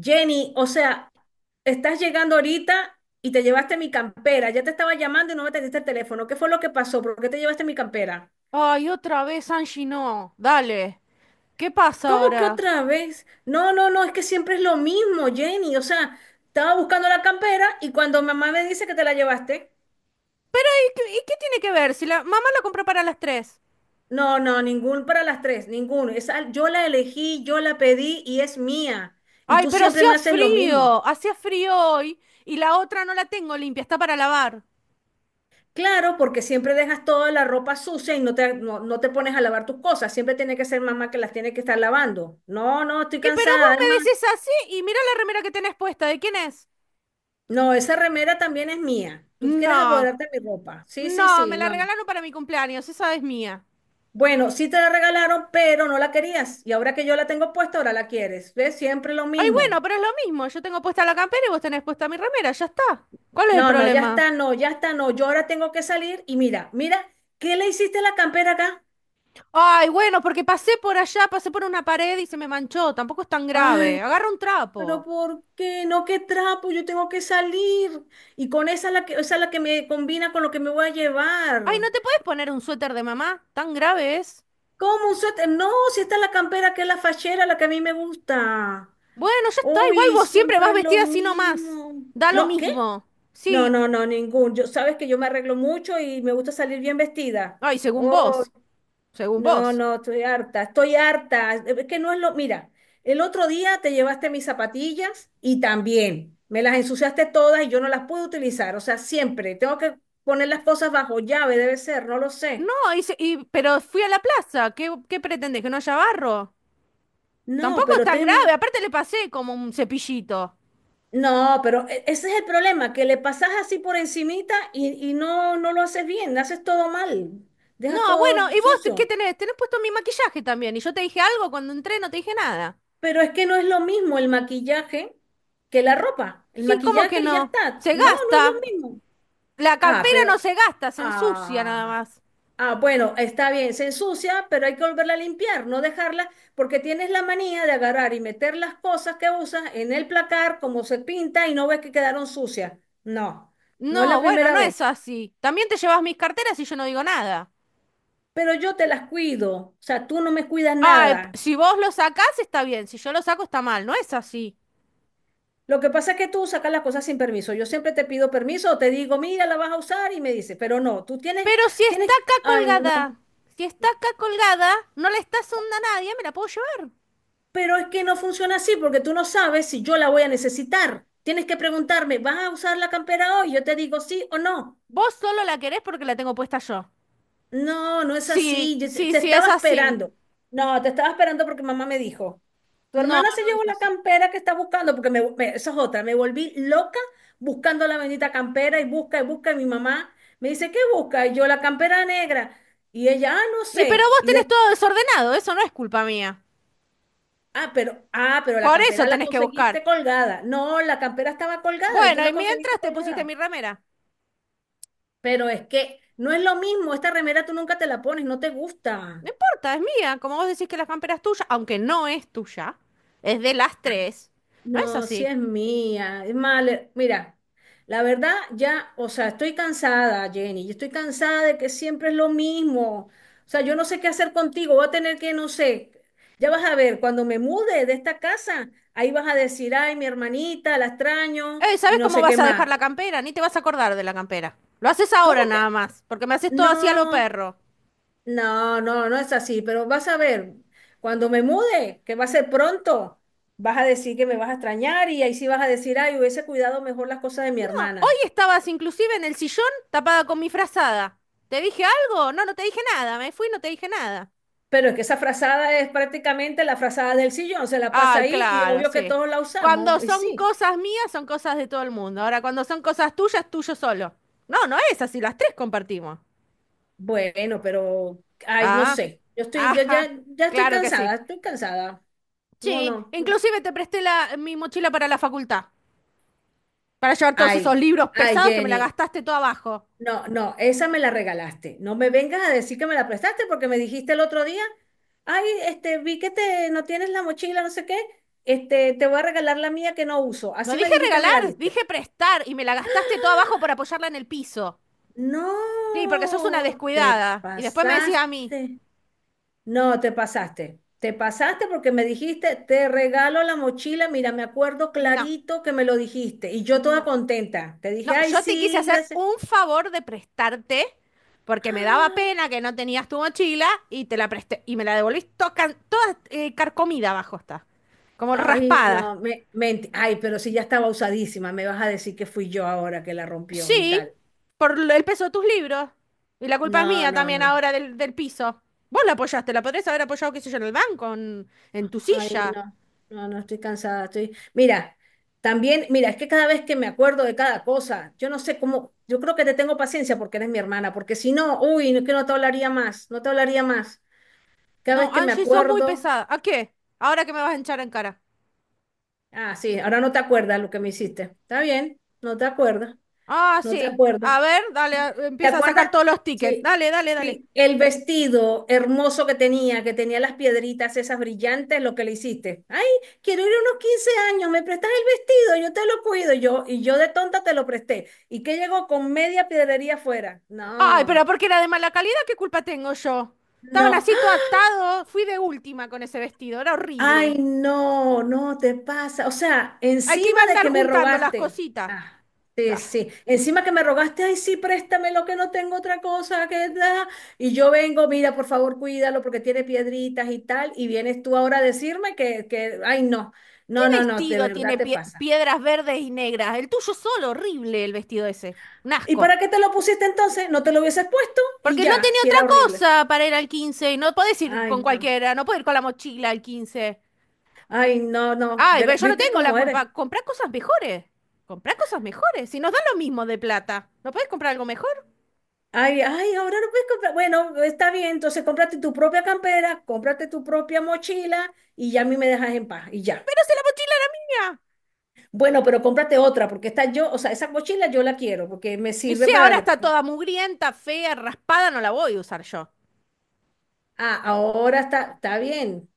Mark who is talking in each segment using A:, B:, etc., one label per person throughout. A: Jenny, o sea, estás llegando ahorita y te llevaste mi campera. Ya te estaba llamando y no me atendiste el teléfono. ¿Qué fue lo que pasó? ¿Por qué te llevaste mi campera?
B: Ay, otra vez Angie no. Dale. ¿Qué pasa
A: ¿Cómo que
B: ahora?
A: otra vez? No, no, no, es que siempre es lo mismo, Jenny. O sea, estaba buscando la campera y cuando mamá me dice que te la llevaste,
B: Pero, ¿y qué tiene que ver? Si la mamá la compró para las tres.
A: no, no, ningún para las tres, ninguno. Esa, yo la elegí, yo la pedí y es mía. Y
B: Ay,
A: tú
B: pero
A: siempre
B: hacía
A: me haces lo mismo.
B: frío. Hacía frío hoy y la otra no la tengo limpia, está para lavar.
A: Claro, porque siempre dejas toda la ropa sucia y no, no te pones a lavar tus cosas. Siempre tiene que ser mamá que las tiene que estar lavando. No, no, estoy
B: Y pero
A: cansada.
B: vos
A: Además,
B: me decís así y mira la remera que tenés puesta. ¿De quién es?
A: no, esa remera también es mía. Tú quieres
B: No.
A: apoderarte de mi ropa. Sí, sí,
B: No, me
A: sí,
B: la
A: no.
B: regalaron para mi cumpleaños, esa es mía.
A: Bueno, sí te la regalaron, pero no la querías. Y ahora que yo la tengo puesta, ahora la quieres. ¿Ves? Siempre lo
B: Ay,
A: mismo.
B: bueno, pero es lo mismo, yo tengo puesta la campera y vos tenés puesta mi remera, ya está. ¿Cuál es el
A: No, no, ya
B: problema?
A: está, no, ya está, no. Yo ahora tengo que salir y mira, mira, ¿qué le hiciste a la campera acá?
B: Ay, bueno, porque pasé por allá, pasé por una pared y se me manchó. Tampoco es tan grave.
A: Ay,
B: Agarra un
A: pero
B: trapo.
A: ¿por qué? No, qué trapo, yo tengo que salir. Y con esa es la que, esa es la que me combina con lo que me voy a
B: Ay,
A: llevar.
B: ¿no te puedes poner un suéter de mamá? ¿Tan grave es?
A: ¿Cómo un suéter? No, si esta es la campera que es la fachera, la que a mí me gusta.
B: Bueno, ya está. Igual
A: Uy,
B: vos siempre vas
A: siempre es lo
B: vestida así nomás.
A: mismo.
B: Da lo
A: No, ¿qué?
B: mismo.
A: No,
B: Sí.
A: no, no, ningún. Yo, sabes que yo me arreglo mucho y me gusta salir bien vestida.
B: Ay, según vos. Según
A: No,
B: vos.
A: no, estoy harta, estoy harta. Es que no es lo. Mira, el otro día te llevaste mis zapatillas y también me las ensuciaste todas y yo no las pude utilizar. O sea, siempre tengo que poner las cosas bajo llave, debe ser, no lo sé.
B: No, hice, y, pero fui a la plaza. ¿Qué pretendés? ¿Que no haya barro?
A: No,
B: Tampoco es
A: pero
B: tan
A: ten...
B: grave. Aparte le pasé como un cepillito.
A: No, pero ese es el problema, que le pasas así por encimita y, no lo haces bien, haces todo mal, dejas
B: No,
A: todo
B: bueno, ¿y vos qué
A: sucio.
B: tenés? Tenés puesto mi maquillaje también. Y yo te dije algo cuando entré, no te dije nada.
A: Pero es que no es lo mismo el maquillaje que la ropa. El
B: Sí, ¿cómo que
A: maquillaje ya
B: no?
A: está.
B: Se
A: No, no es lo
B: gasta.
A: mismo.
B: La
A: Ah,
B: cartera no
A: pero,
B: se gasta, se ensucia nada
A: ah,
B: más.
A: bueno, está bien, se ensucia, pero hay que volverla a limpiar, no dejarla, porque tienes la manía de agarrar y meter las cosas que usas en el placar como se pinta y no ves que quedaron sucias. No, no es la
B: No, bueno,
A: primera
B: no
A: vez,
B: es así. También te llevas mis carteras y yo no digo nada.
A: pero yo te las cuido, o sea, tú no me cuidas
B: Ay,
A: nada.
B: si vos lo sacás está bien, si yo lo saco está mal, no es así.
A: Lo que pasa es que tú sacas las cosas sin permiso. Yo siempre te pido permiso o te digo, mira, la vas a usar y me dices, pero no, tú tienes,
B: Pero si
A: tienes,
B: está acá
A: ay,
B: colgada,
A: no.
B: si está acá colgada, no le estás onda a nadie, me la puedo llevar.
A: Pero es que no funciona así porque tú no sabes si yo la voy a necesitar. Tienes que preguntarme, ¿vas a usar la campera hoy? Yo te digo sí o no.
B: Vos solo la querés porque la tengo puesta yo.
A: No, no es
B: Sí,
A: así. Yo te,
B: sí,
A: te
B: sí, es
A: estaba
B: así.
A: esperando. No, te estaba esperando porque mamá me dijo, tu
B: No,
A: hermana se
B: no
A: llevó
B: es
A: la
B: así.
A: campera que está buscando porque eso es otra. Me volví loca buscando la bendita campera y busca y busca y mi mamá me dice, ¿qué busca? Y yo la campera negra. Y ella, ah, no
B: Y pero
A: sé.
B: vos tenés todo desordenado, eso no es culpa mía.
A: Ah, pero la
B: Por eso
A: campera la
B: tenés que buscar.
A: conseguiste colgada. No, la campera estaba colgada y tú
B: Bueno, y
A: la conseguiste
B: mientras te pusiste mi
A: colgada.
B: remera.
A: Pero es que no es lo mismo, esta remera tú nunca te la pones, no te gusta.
B: No importa, es mía. Como vos decís que la campera es tuya, aunque no es tuya, es de las tres. No es
A: No, si
B: así.
A: es mía. Es más, mira, la verdad ya, o sea, estoy cansada, Jenny. Yo estoy cansada de que siempre es lo mismo. O sea, yo no sé qué hacer contigo. Voy a tener que, no sé, ya vas a ver, cuando me mude de esta casa, ahí vas a decir, ay, mi hermanita, la extraño y
B: ¿Sabes
A: no
B: cómo
A: sé qué
B: vas a dejar
A: más.
B: la campera? Ni te vas a acordar de la campera. Lo haces ahora
A: ¿Cómo que?
B: nada más, porque me haces todo así a lo
A: No,
B: perro.
A: no, no, No es así, pero vas a ver, cuando me mude, que va a ser pronto, vas a decir que me vas a extrañar y ahí sí vas a decir, ay, hubiese cuidado mejor las cosas de mi
B: No, hoy
A: hermana.
B: estabas inclusive en el sillón tapada con mi frazada. ¿Te dije algo? No, no te dije nada. Me fui y no te dije nada.
A: Pero es que esa frazada es prácticamente la frazada del sillón, se la
B: Ah,
A: pasa ahí y
B: claro,
A: obvio que
B: sí.
A: todos la
B: Cuando
A: usamos, y
B: son
A: sí.
B: cosas mías, son cosas de todo el mundo. Ahora, cuando son cosas tuyas, tuyo solo. No, no es así, las tres compartimos.
A: Bueno, pero, ay, no
B: Ah,
A: sé, yo estoy, yo
B: ajá,
A: ya, ya estoy
B: claro que
A: cansada,
B: sí.
A: estoy cansada. No,
B: Sí,
A: no, no.
B: inclusive te presté mi mochila para la facultad, para llevar todos
A: Ay,
B: esos libros
A: ay,
B: pesados que me la
A: Jenny.
B: gastaste todo abajo.
A: No, no, esa me la regalaste. No me vengas a decir que me la prestaste porque me dijiste el otro día, ay, vi que te no tienes la mochila, no sé qué, te voy a regalar la mía que no uso.
B: No
A: Así me
B: dije
A: dijiste, me la
B: regalar,
A: diste.
B: dije prestar y me la gastaste todo abajo por apoyarla en el piso. Sí, porque sos una
A: No, te
B: descuidada. Y después me decís a mí,
A: pasaste. No, te pasaste. Te pasaste porque me dijiste, te regalo la mochila. Mira, me acuerdo
B: no,
A: clarito que me lo dijiste. Y yo toda
B: no.
A: contenta. Te dije,
B: No,
A: ay,
B: yo te quise
A: sí,
B: hacer
A: gracias.
B: un favor de prestarte, porque me daba pena que no tenías tu mochila y te la presté y me la devolviste toda, carcomida abajo está, como
A: Ay,
B: raspada.
A: no, ay, pero si ya estaba usadísima, me vas a decir que fui yo ahora que la rompió y
B: Sí,
A: tal.
B: por el peso de tus libros. Y la culpa es
A: No,
B: mía
A: no,
B: también
A: no.
B: ahora del piso. Vos la apoyaste, la podrías haber apoyado, qué sé yo, en el banco, en tu
A: Ay,
B: silla.
A: no. No, no, estoy cansada, estoy. Mira, también, mira, es que cada vez que me acuerdo de cada cosa, yo no sé cómo, yo creo que te tengo paciencia porque eres mi hermana, porque si no, uy, no es que no te hablaría más, no te hablaría más. Cada vez
B: No,
A: que me
B: Angie, sos muy
A: acuerdo,
B: pesada. ¿A qué? Ahora que me vas a hinchar en cara.
A: ah, sí, ahora no te acuerdas lo que me hiciste. Está bien, no te acuerdas,
B: Ah,
A: no te
B: sí.
A: acuerdas.
B: A ver, dale,
A: ¿Te
B: empieza a
A: acuerdas?
B: sacar todos los tickets.
A: Sí,
B: Dale, dale, dale.
A: sí, el vestido hermoso que tenía las piedritas esas brillantes, lo que le hiciste. Ay, quiero ir a unos 15 años, me prestas el vestido, yo te lo cuido, y yo de tonta te lo presté. ¿Y qué llegó con media piedrería afuera?
B: Ay, pero
A: No,
B: porque era de mala calidad, ¿qué culpa tengo yo? Estaban
A: no,
B: así todo atado, fui de última con ese vestido, era
A: ay,
B: horrible.
A: no, no te pasa. O sea,
B: Hay que iba a
A: encima de
B: andar
A: que me
B: juntando las
A: rogaste.
B: cositas.
A: Ah, sí,
B: Ah,
A: sí. Encima que me rogaste, ay, sí, préstame lo que no tengo otra cosa que da. Y yo vengo, mira, por favor, cuídalo porque tiene piedritas y tal. Y vienes tú ahora a decirme que, ay, no.
B: ¿qué
A: No, no, no, de
B: vestido
A: verdad
B: tiene
A: te pasa.
B: piedras verdes y negras? El tuyo solo, horrible el vestido ese. Un
A: ¿Y
B: asco.
A: para qué te lo pusiste entonces? No te lo hubieses puesto y
B: Porque no
A: ya,
B: tenía
A: si
B: otra
A: era horrible.
B: cosa para ir al 15 y no podés ir
A: Ay,
B: con
A: no.
B: cualquiera, no podés ir con la mochila al 15.
A: Ay, no, no.
B: Ay, pero
A: Pero,
B: yo no
A: ¿viste
B: tengo la
A: cómo eres?
B: culpa. Comprá cosas mejores. Comprá cosas mejores. Si nos dan lo mismo de plata, ¿no podés comprar algo mejor?
A: Ay, ay, ahora no puedes comprar. Bueno, está bien, entonces cómprate tu propia campera, cómprate tu propia mochila y ya a mí me dejas en paz y ya.
B: Pero si la mochila era mía.
A: Bueno, pero cómprate otra porque o sea, esa mochila yo la quiero porque me
B: Y
A: sirve
B: si ahora
A: para...
B: está toda mugrienta, fea, raspada, no la voy a usar yo.
A: Ah, ahora está bien.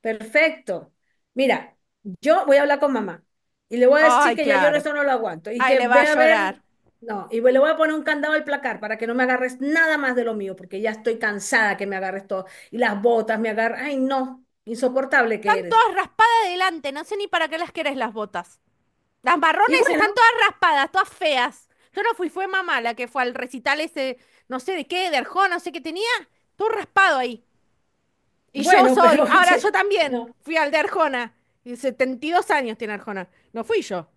A: Perfecto. Mira, yo voy a hablar con mamá y le voy a decir
B: Ay,
A: que ya yo
B: claro.
A: esto no lo aguanto y
B: Ay,
A: que
B: le va a
A: ve a ver,
B: llorar.
A: no, y le voy a poner un candado al placar para que no me agarres nada más de lo mío, porque ya estoy cansada que me agarres todo y las botas me agarran, ay no, insoportable
B: Están
A: que eres.
B: todas raspadas adelante, no sé ni para qué las querés las botas. Las
A: Y
B: marrones están
A: bueno,
B: todas raspadas, todas feas. Yo no fui, fue mamá la que fue al recital ese, no sé de qué, de Arjona, no sé qué tenía. Todo raspado ahí. Y yo
A: bueno, pero
B: soy, ahora yo
A: che,
B: también
A: no,
B: fui al de Arjona. Y 72 años tiene Arjona. No fui yo.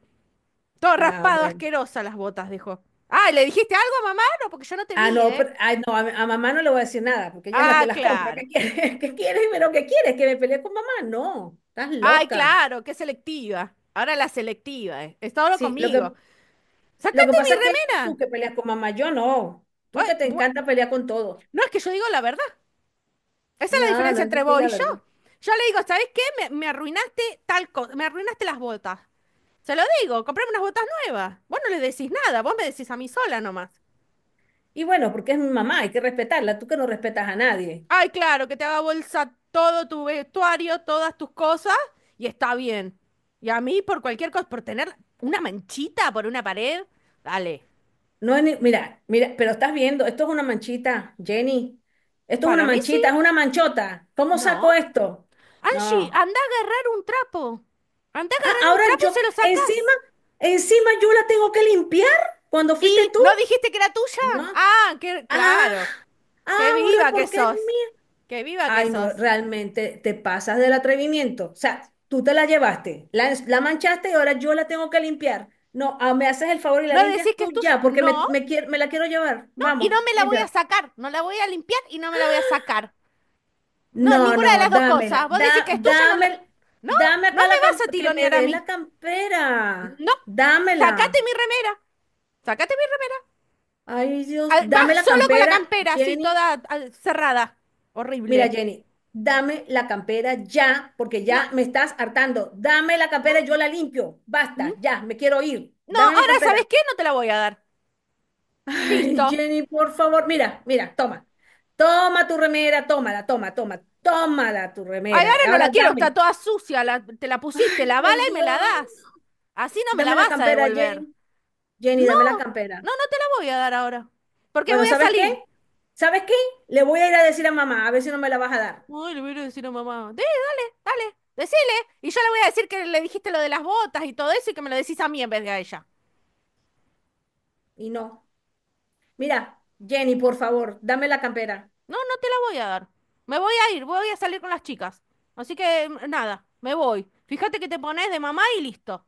B: Todo
A: ah,
B: raspado,
A: bueno.
B: asquerosa las botas, dijo. Ah, ¿le dijiste algo a mamá? No, porque yo no te
A: Ah,
B: vi,
A: no,
B: ¿eh?
A: ay, no, a mamá no le voy a decir nada, porque ella es la que
B: Ah,
A: las compra.
B: claro.
A: ¿Qué quieres? ¿Qué quieres? ¿Pero qué quieres? ¿Que me pelee con mamá? No, estás
B: Ay,
A: loca.
B: claro, qué selectiva. Ahora la selectiva, eh. Está ahora
A: Sí, lo
B: conmigo.
A: que, lo que
B: ¡Sácate
A: pasa es que
B: mi
A: eres
B: remera!
A: tú que peleas con mamá, yo no. Tú que
B: Ay,
A: te encanta pelear con todo.
B: no es que yo digo la verdad. Esa es la
A: No, no,
B: diferencia
A: es
B: entre
A: así
B: vos y
A: la
B: yo.
A: verdad.
B: Yo le digo, ¿sabes qué? Me arruinaste tal cosa, me arruinaste las botas. Se lo digo, comprame unas botas nuevas. Vos no le decís nada, vos me decís a mí sola nomás.
A: Y bueno, porque es mi mamá, hay que respetarla. Tú que no respetas a nadie.
B: Ay, claro, que te haga bolsa todo tu vestuario, todas tus cosas, y está bien. Y a mí, por cualquier cosa, por tener una manchita por una pared, dale.
A: No es ni- Mira, mira, pero estás viendo, esto es una manchita, Jenny. Esto es una
B: Para mí sí.
A: manchita, es una manchota. ¿Cómo
B: No.
A: saco esto?
B: Angie,
A: No.
B: anda a agarrar un trapo. Anda a
A: Ah,
B: agarrar un trapo y se lo
A: encima,
B: sacás.
A: encima yo la tengo que limpiar cuando fuiste
B: ¿Y
A: tú.
B: no dijiste que era
A: No.
B: tuya? Ah, que,
A: Ah,
B: claro. Qué
A: ahora
B: viva que
A: porque es
B: sos.
A: mía.
B: Qué viva que
A: Ay, no,
B: sos.
A: realmente te pasas del atrevimiento. O sea, tú te la llevaste, la manchaste y ahora yo la tengo que limpiar. No, ah, me haces el favor y la
B: ¿No decís
A: limpias
B: que
A: tú
B: es tuya?
A: ya, porque
B: No.
A: me la quiero llevar.
B: No, y no
A: Vamos,
B: me la voy a
A: límpiala.
B: sacar. No la voy a limpiar y no me la voy a sacar. No,
A: No,
B: ninguna de
A: no,
B: las dos
A: dámela.
B: cosas. Vos decís que es tuya, no la... No,
A: Dame
B: no
A: acá
B: me vas a
A: que me
B: tironear a
A: des
B: mí.
A: la campera.
B: No. Sacate
A: Dámela.
B: mi remera. Sacate mi remera.
A: Ay, Dios,
B: Ah, va
A: dame la
B: solo con la
A: campera,
B: campera, así,
A: Jenny.
B: toda ah, cerrada.
A: Mira,
B: Horrible.
A: Jenny, dame la campera ya, porque
B: No.
A: ya me estás hartando. Dame la campera, yo la limpio.
B: ¿Mm?
A: Basta, ya, me quiero ir.
B: No,
A: Dame mi
B: ahora,
A: campera.
B: ¿sabes qué? No te la voy a dar.
A: Ay,
B: Listo.
A: Jenny, por favor, mira, mira, toma. Toma tu remera, tómala, toma, toma, tómala tu
B: Ay,
A: remera.
B: ahora no la
A: Ahora
B: quiero, está
A: dame,
B: toda sucia. La- te la pusiste, lavala
A: por
B: y me la
A: Dios,
B: das. Así no me la
A: dame la
B: vas a
A: campera,
B: devolver.
A: Jenny.
B: No,
A: Jenny, dame la campera.
B: no, no te la voy a dar ahora. Porque
A: Bueno,
B: voy a
A: ¿sabes qué?
B: salir.
A: ¿Sabes qué? Le voy a ir a decir a mamá, a ver si no me la vas a dar.
B: Ay, le voy a ir a decir a mamá. Dale, decile. Y yo le voy a decir que le dijiste lo de las botas y todo eso y que me lo decís a mí en vez de a ella.
A: Y no. Mira, Jenny, por favor, dame la campera.
B: No, no te la voy a dar. Me voy a ir, voy a salir con las chicas. Así que mm, nada, me voy. Fíjate que te pones de mamá y listo.